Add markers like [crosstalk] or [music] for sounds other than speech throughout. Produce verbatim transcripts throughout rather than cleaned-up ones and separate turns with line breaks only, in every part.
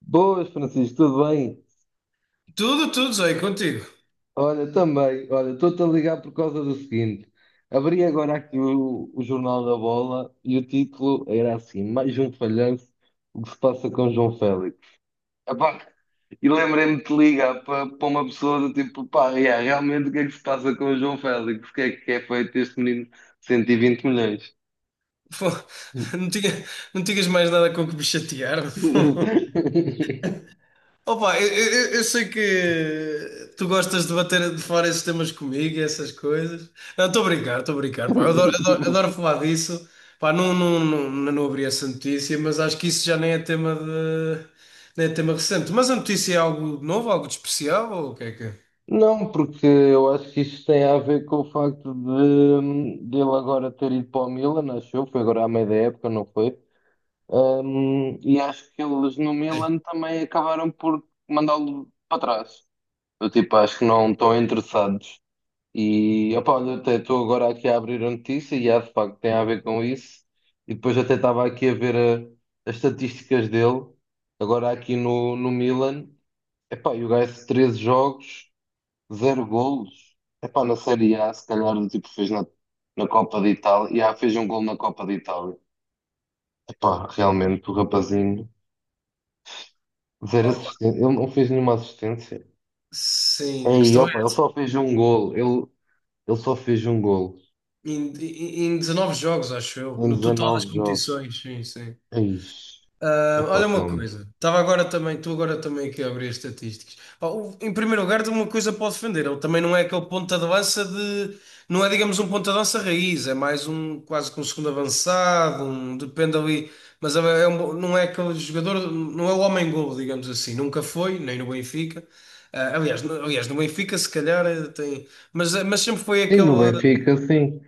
Boas, Francisco, tudo bem?
Tudo, tudo, Zé, contigo.
Olha, também, olha, estou-te a ligar por causa do seguinte. Abri agora aqui o, o Jornal da Bola e o título era assim: Mais um falhanço, o que se passa com João Félix. Epá, e lembrei-me de te ligar para para uma pessoa do tipo, pá, yeah, realmente o que é que se passa com o João Félix? O que é que é feito este menino de cento e vinte milhões?
Pô, Não tinha, não tinhas mais nada com que me chatear. [laughs]
[laughs]
Opa, eu, eu- eu sei que tu gostas de bater de fora esses temas comigo e essas coisas. Não, estou a brincar, estou a brincar. Pá, eu adoro, adoro, adoro falar disso. Pá, não, não, não, não, não abri essa notícia, mas acho que isso já nem é tema de, nem é tema recente. Mas a notícia é algo novo, algo de especial, ou o que é que é?
Não, porque eu acho que isto tem a ver com o facto de, de ele agora ter ido para o Milan, acho eu, foi agora à meia da época, não foi? Hum, e acho que eles no
Sim.
Milan também acabaram por mandá-lo para trás. Eu tipo, acho que não estão interessados. E opá, olha, até estou agora aqui a abrir a notícia e há de facto tem a ver com isso. E depois até estava aqui a ver a- as estatísticas dele, agora aqui no, no Milan. Epá, e o gajo treze jogos. Zero golos? Epá, na Série A, se calhar, o tipo, fez na, na Copa de Itália. E ah, fez um gol na Copa de Itália. Epá, realmente, o rapazinho, zero
Opa,
assistência. Ele não fez nenhuma assistência.
sim, a
Ei,
questão é.
opa, ele só fez um gol. Ele, ele só fez um gol
Em, em em dezenove jogos, acho eu,
em
no total das
dezenove jogos.
competições, sim, sim.
Ei,
Ah,
epá,
olha uma
realmente.
coisa, estava agora também, estou agora também aqui a abrir as estatísticas. Pá, o- em primeiro lugar, tenho uma coisa para o defender, ele também não é aquele ponta de lança de, não é, digamos, um ponta de lança raiz, é mais um, quase que um segundo avançado, um, depende ali, mas é é um- não é aquele jogador, não é o homem-golo, digamos assim, nunca foi, nem no Benfica. Ah, aliás, no, aliás, no Benfica, se calhar, eh, tem, mas, mas sempre foi
Sim,
aquele.
no Benfica, sim.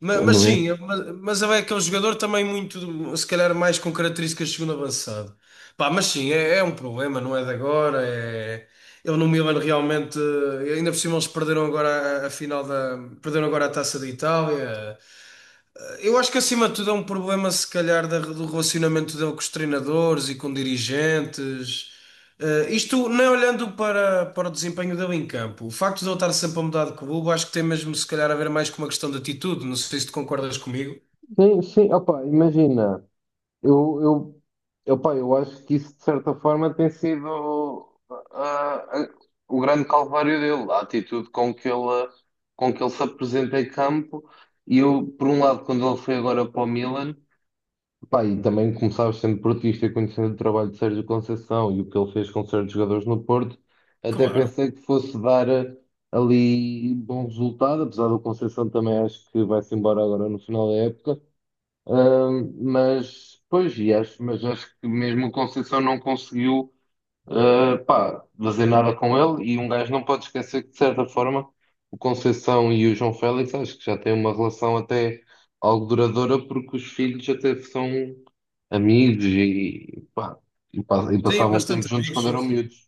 Ma- Mas,
No
sim,
Benfica.
mas, mas é que é um jogador também muito, se calhar, mais com características de segundo avançado. Pá, mas sim, é, é um problema, não é de agora. É... Ele no Milan realmente, eh, ainda por cima eles perderam agora a, a final da, perderam agora a Taça da Itália. Eu acho que acima de tudo é um problema, se calhar, da- do relacionamento dele com os treinadores e com dirigentes. Eh, isto nem olhando para, para o desempenho dele em campo. O facto de ele estar sempre a mudar de clube, acho que tem mesmo, se calhar, a ver mais com uma questão de atitude. Não sei se tu concordas comigo.
Sim, sim, opa, imagina. Eu, eu, epá, eu acho que isso, de certa forma, tem sido ah, ah, o grande calvário dele, a atitude com que ele, com que ele se apresenta em campo. E eu, por um lado, quando ele foi agora para o Milan, epá, e também começava sendo portista e conhecendo o trabalho de Sérgio Conceição e o que ele fez com certos jogadores no Porto, até
Claro.
pensei que fosse dar ah, ali bom resultado, apesar do Conceição também acho que vai-se embora agora no final da época. Ahm, mas, pois, e acho, mas acho que mesmo o Conceição não conseguiu, ah, pá, fazer nada com ele. E um gajo não pode esquecer que, de certa forma, o Conceição e o João Félix acho que já têm uma relação até algo duradoura, porque os filhos até são amigos e, pá, e, pa- e
Tenho
passavam tempo
bastante
juntos quando eram
amigos, sim.
miúdos.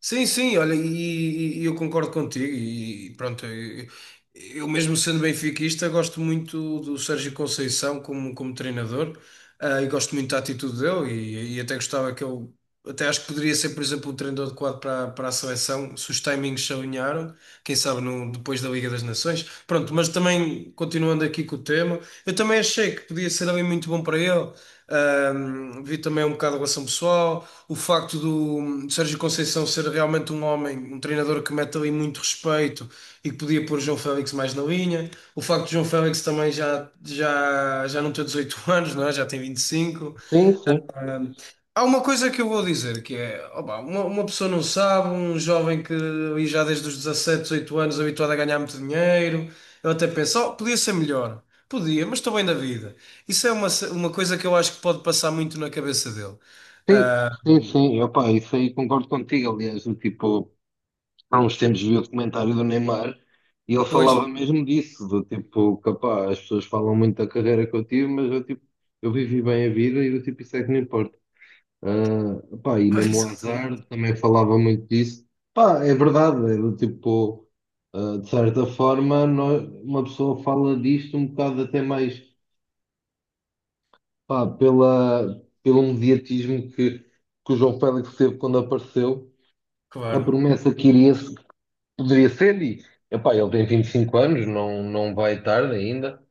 Sim, sim, olha, e, e- e eu concordo contigo. E pronto, eu, eu mesmo sendo benfiquista, gosto muito do Sérgio Conceição como, como treinador, ah, e gosto muito da atitude dele. E, e até gostava que ele, até acho que poderia ser, por exemplo, um treinador adequado para, para a seleção, se os timings se alinharam, quem sabe no, depois da Liga das Nações. Pronto, mas também continuando aqui com o tema, eu também achei que podia ser alguém muito bom para ele. Ahm, vi também um bocado a relação pessoal, o facto do, do Sérgio Conceição ser realmente um homem, um treinador que mete ali muito respeito e que podia pôr João Félix mais na linha, o facto de João Félix também já, já, já não ter dezoito [laughs] anos, não é? Já tem vinte e cinco.
Sim, sim,
Hum, Há uma coisa que eu vou dizer que é, opa, uma, uma pessoa não sabe, um jovem que ali já desde os dezassete dezoito anos habituado a ganhar muito dinheiro, eu até penso, oh, podia ser melhor, podia, mas estou bem da vida. Isso é uma, ce- uma coisa que eu acho que pode passar muito na cabeça dele.
sim,
Ah,
sim, sim, opá, isso aí concordo contigo, aliás, do tipo. Há uns tempos vi o documentário do Neymar e ele falava
pois,
mesmo disso, do tipo, capaz, as pessoas falam muito da carreira que eu tive, mas eu, tipo, eu vivi bem a vida e do tipo, isso é que não importa. Ah, pá, e
[laughs]
mesmo o
exatamente,
azar também falava muito disso. Pá, é verdade, é do tipo, ah, de certa forma, nós- uma pessoa fala disto um bocado até mais, pá, pela, pelo mediatismo que, que o João Félix teve quando apareceu. A
claro.
promessa que iria, poderia ser, e epá, ele tem vinte e cinco anos, não, não vai tarde ainda,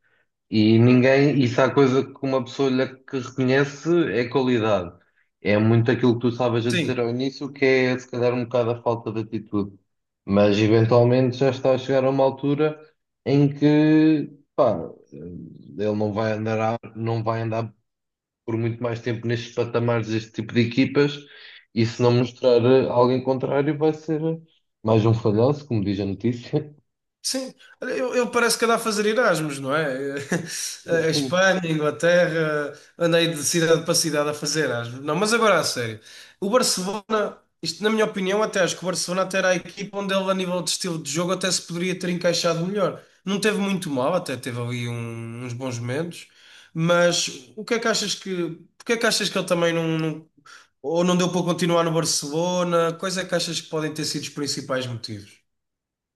e ninguém, isso se há coisa que uma pessoa lhe que reconhece é qualidade. É muito aquilo que tu estavas a dizer
Sim,
ao início, que é se calhar um bocado a falta de atitude. Mas eventualmente já está a chegar a uma altura em que pá, ele não vai andar a, não vai andar por muito mais tempo nestes patamares deste tipo de equipas e se não mostrar eh, algo em contrário vai ser eh, mais um falhanço, como diz a notícia. [laughs]
sim. Olha, eu, eu parece que andava a fazer Erasmus, não é? [laughs] A
Enfim,
Espanha, a Inglaterra, andei de cidade para cidade a fazer Erasmus. Não, mas agora a sério. O Barcelona, isto na minha opinião, até acho que o Barcelona até era a equipa onde ele, a nível de estilo de jogo, até se poderia ter encaixado melhor. Não teve muito mal, até teve ali um- uns bons momentos, mas o que é que achas que, porque é que achas que ele também não, não- ou não deu para continuar no Barcelona? Quais é que achas que podem ter sido os principais motivos?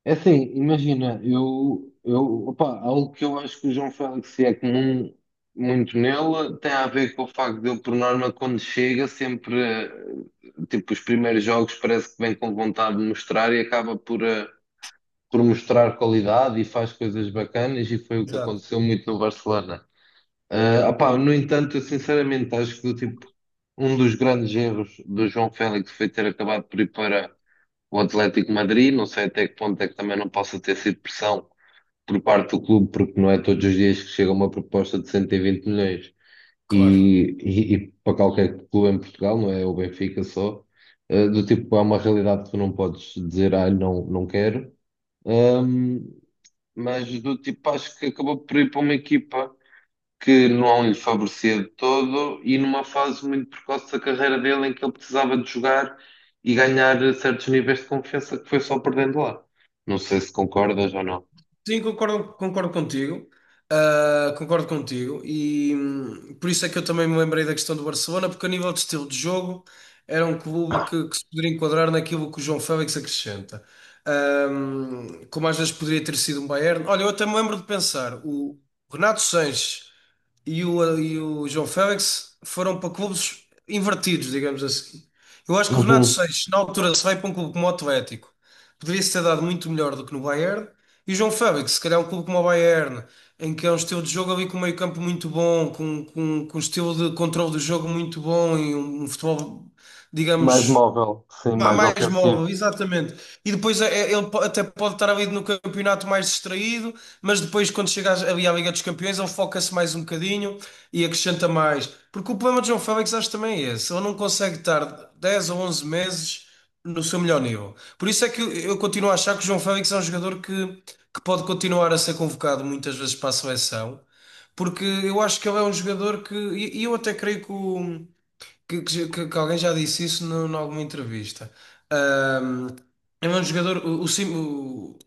é assim, imagina, eu, eu, opa, algo que eu acho que o João Félix é comum muito nele tem a ver com o facto de ele, por norma, quando chega, sempre, eh, tipo, os primeiros jogos parece que vem com vontade de mostrar e acaba por... eh, por mostrar qualidade e faz coisas bacanas e foi o que
Exato.
aconteceu muito no Barcelona. Ah, opá, no entanto, eu sinceramente acho que tipo, um dos grandes erros do João Félix foi ter acabado por ir para o Atlético de Madrid. Não sei até que ponto é que também não possa ter sido pressão por parte do clube, porque não é todos os dias que chega uma proposta de cento e vinte milhões
Claro.
e, e, e para qualquer clube em Portugal, não é o Benfica só, ah, do tipo, há uma realidade que tu não podes dizer, ah, não, não quero. Ahm, mas do tipo, acho que acabou por ir para uma equipa que não lhe favorecia de todo e numa fase muito precoce da carreira dele em que ele precisava de jogar e ganhar certos níveis de confiança que foi só perdendo lá. Não sei se concordas ou não.
Sim, concordo, concordo contigo. Ah, concordo contigo. E hum, por isso é que eu também me lembrei da questão do Barcelona, porque a nível de estilo de jogo era um clube que, que se poderia enquadrar naquilo que o João Félix acrescenta. Ahm, como às vezes poderia ter sido um Bayern. Olha, eu até me lembro de pensar, o Renato Sanches e o, e o João Félix foram para clubes invertidos, digamos assim. Eu acho que o Renato
Uhum.
Seixas, na altura, se vai para um clube como o Atlético, poderia-se ter dado muito melhor do que no Bayern. E o João Félix, se calhar um clube como o Bayern, em que é um estilo de jogo ali com um meio-campo muito bom, com, com, com um estilo de controle do jogo muito bom e um, um futebol,
Mais
digamos.
móvel, sim,
Ma-
mais
Mais
ofensivo.
móvel, exatamente. E depois é- é, ele po- até pode estar ali no campeonato mais distraído, mas depois, quando chega às- ali à Liga dos Campeões, ele foca-se mais um bocadinho e acrescenta mais. Porque o problema de João Félix acho também é esse: ele não consegue estar dez ou onze meses no seu melhor nível. Por isso é que eu, eu continuo a achar que o João Félix é um jogador que, que pode continuar a ser convocado muitas vezes para a seleção, porque eu acho que ele é um jogador que. E e eu até creio que o que, que- que- que alguém já disse isso no- em alguma entrevista. Ahm, É um jogador, o, o Sim, o-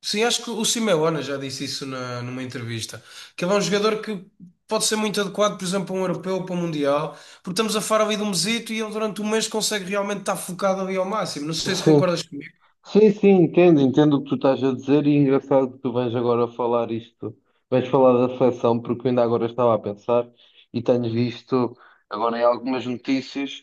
sim, acho que o Simeone já disse isso na- numa entrevista, que ele é um jogador que pode ser muito adequado, por exemplo, para um europeu, para um mundial, porque estamos a falar ali de um mesito e ele durante um mês consegue realmente estar focado ali ao máximo. Não sei se
Sim,
concordas comigo,
sim, sim, entendo, entendo o que tu estás a dizer e é engraçado que tu vens agora falar isto, vens falar da seleção, porque eu ainda agora estava a pensar e tenho visto agora em algumas notícias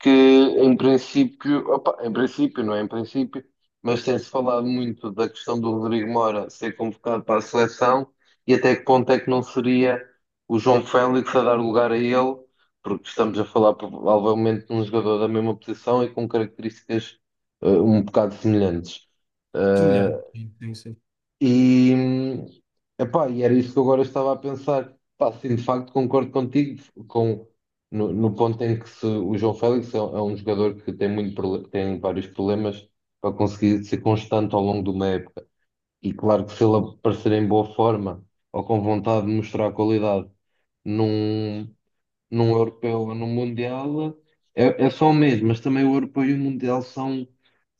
que em princípio, opa, em princípio, não é em princípio, mas tem-se falado muito da questão do Rodrigo Moura ser convocado para a seleção e até que ponto é que não seria o João Félix a dar lugar a ele, porque estamos a falar provavelmente de um jogador da mesma posição e com características eh, um bocado semelhantes. Eh,
semelhante. Sim, sim, sim.
e, epá, e era isso que eu agora estava a pensar. Pá, sim, de facto concordo contigo com, no, no ponto em que se, o João Félix é, é um jogador que tem, muito, prole- tem vários problemas para conseguir ser constante ao longo de uma época. E claro que se ele aparecer em boa forma ou com vontade de mostrar qualidade num, num europeu ou num mundial, é, é só o mesmo, mas também o europeu e o mundial são,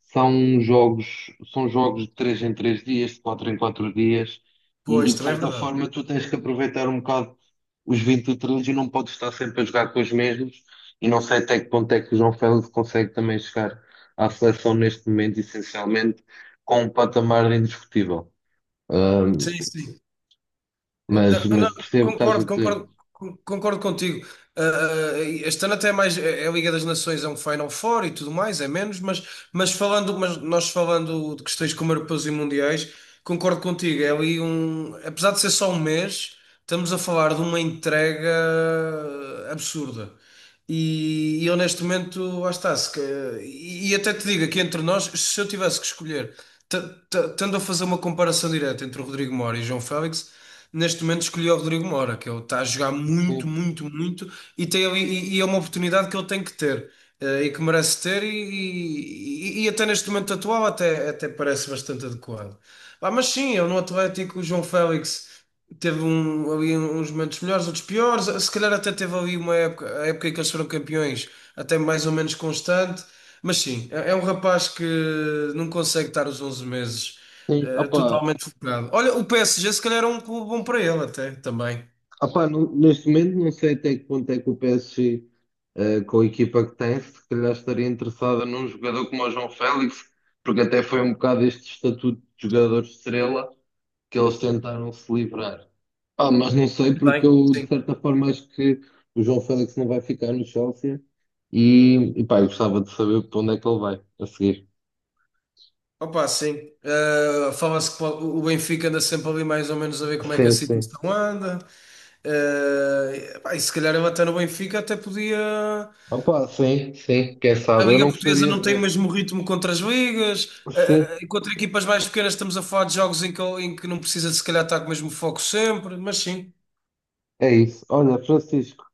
são jogos, são jogos de três em três dias, de quatro em quatro dias, e,
Pois,
e de
também é
certa
verdade.
forma tu tens que aproveitar um bocado os vinte e três e três e não podes estar sempre a jogar com os mesmos, e não sei até que ponto é que o João Félix consegue também chegar à seleção neste momento, essencialmente, com um patamar indiscutível. Ahm,
Sim, sim. Eh,
mas,
Da- Não,
mas percebo o que estás a
concordo,
dizer.
concordo, con- concordo contigo. Ah, este ano até é mais é é a Liga das Nações, é um Final Four e tudo mais, é menos, mas, mas, falando, mas nós falando de questões como europeus e mundiais, concordo contigo. É ali um, apesar de ser só um mês, estamos a falar de uma entrega absurda. E, e eu neste momento, lá está, se, que- e, e até te digo aqui entre nós, se eu tivesse que escolher, t- t- tendo a fazer uma comparação direta entre o Rodrigo Moura e o João Félix neste momento escolhi o Rodrigo Moura, que ele está a jogar muito,
Sim.
muito, muito e, tem, ali- e, e é uma oportunidade que ele tem que ter eh, e que merece ter e, e- e até neste momento atual até, até parece bastante adequado. Ah, mas sim, eu no Atlético, o João Félix teve um, ali uns momentos melhores, outros piores, se calhar até teve ali uma época, a época em que eles foram campeões, até mais ou menos constante, mas sim, é é um rapaz que não consegue estar os onze meses
Sim,
eh,
opa,
totalmente focado. Olha, o P S G se calhar é um clube bom para ele até também.
ah pá, não- neste momento não sei até que ponto é que o P S G, eh, com a equipa que tem, se calhar estaria interessada num jogador como o João Félix, porque até foi um bocado este estatuto de jogador estrela que eles tentaram se livrar. Ah, mas não sei porque
Bem,
eu de
sim.
certa forma acho que o João Félix não vai ficar no Chelsea e, e pá, eu gostava de saber para onde é que ele vai a seguir.
Opa, sim. Eh, fala-se que o o Benfica anda sempre ali mais ou menos a ver como é que a
Sim, sim.
situação anda. Eh, pá, e se calhar ele até no Benfica até podia.
Opa, sim, sim, quem
A
sabe? Eu
Liga
não
Portuguesa
gostaria de
não tem o
ver.
mesmo ritmo contra as ligas.
Sim,
eh, contra equipas mais pequenas estamos a falar de jogos em que, em que não precisa se calhar estar com o mesmo foco sempre, mas sim,
é isso. Olha, Francisco.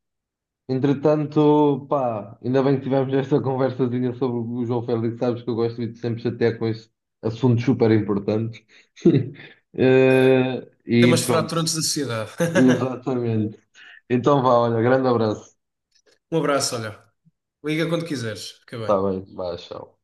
Entretanto, pá, ainda bem que tivemos esta [laughs] conversazinha sobre o João Félix, sabes que eu gosto de te sempre chatear com este assunto super importante. [laughs] Eh, e
temas
pronto,
fraturantes da sociedade. [laughs]
exatamente. Então vá, olha, grande abraço.
Um abraço, olha. Liga quando quiseres. Fica
Está
bem.
bem, vá, tchau.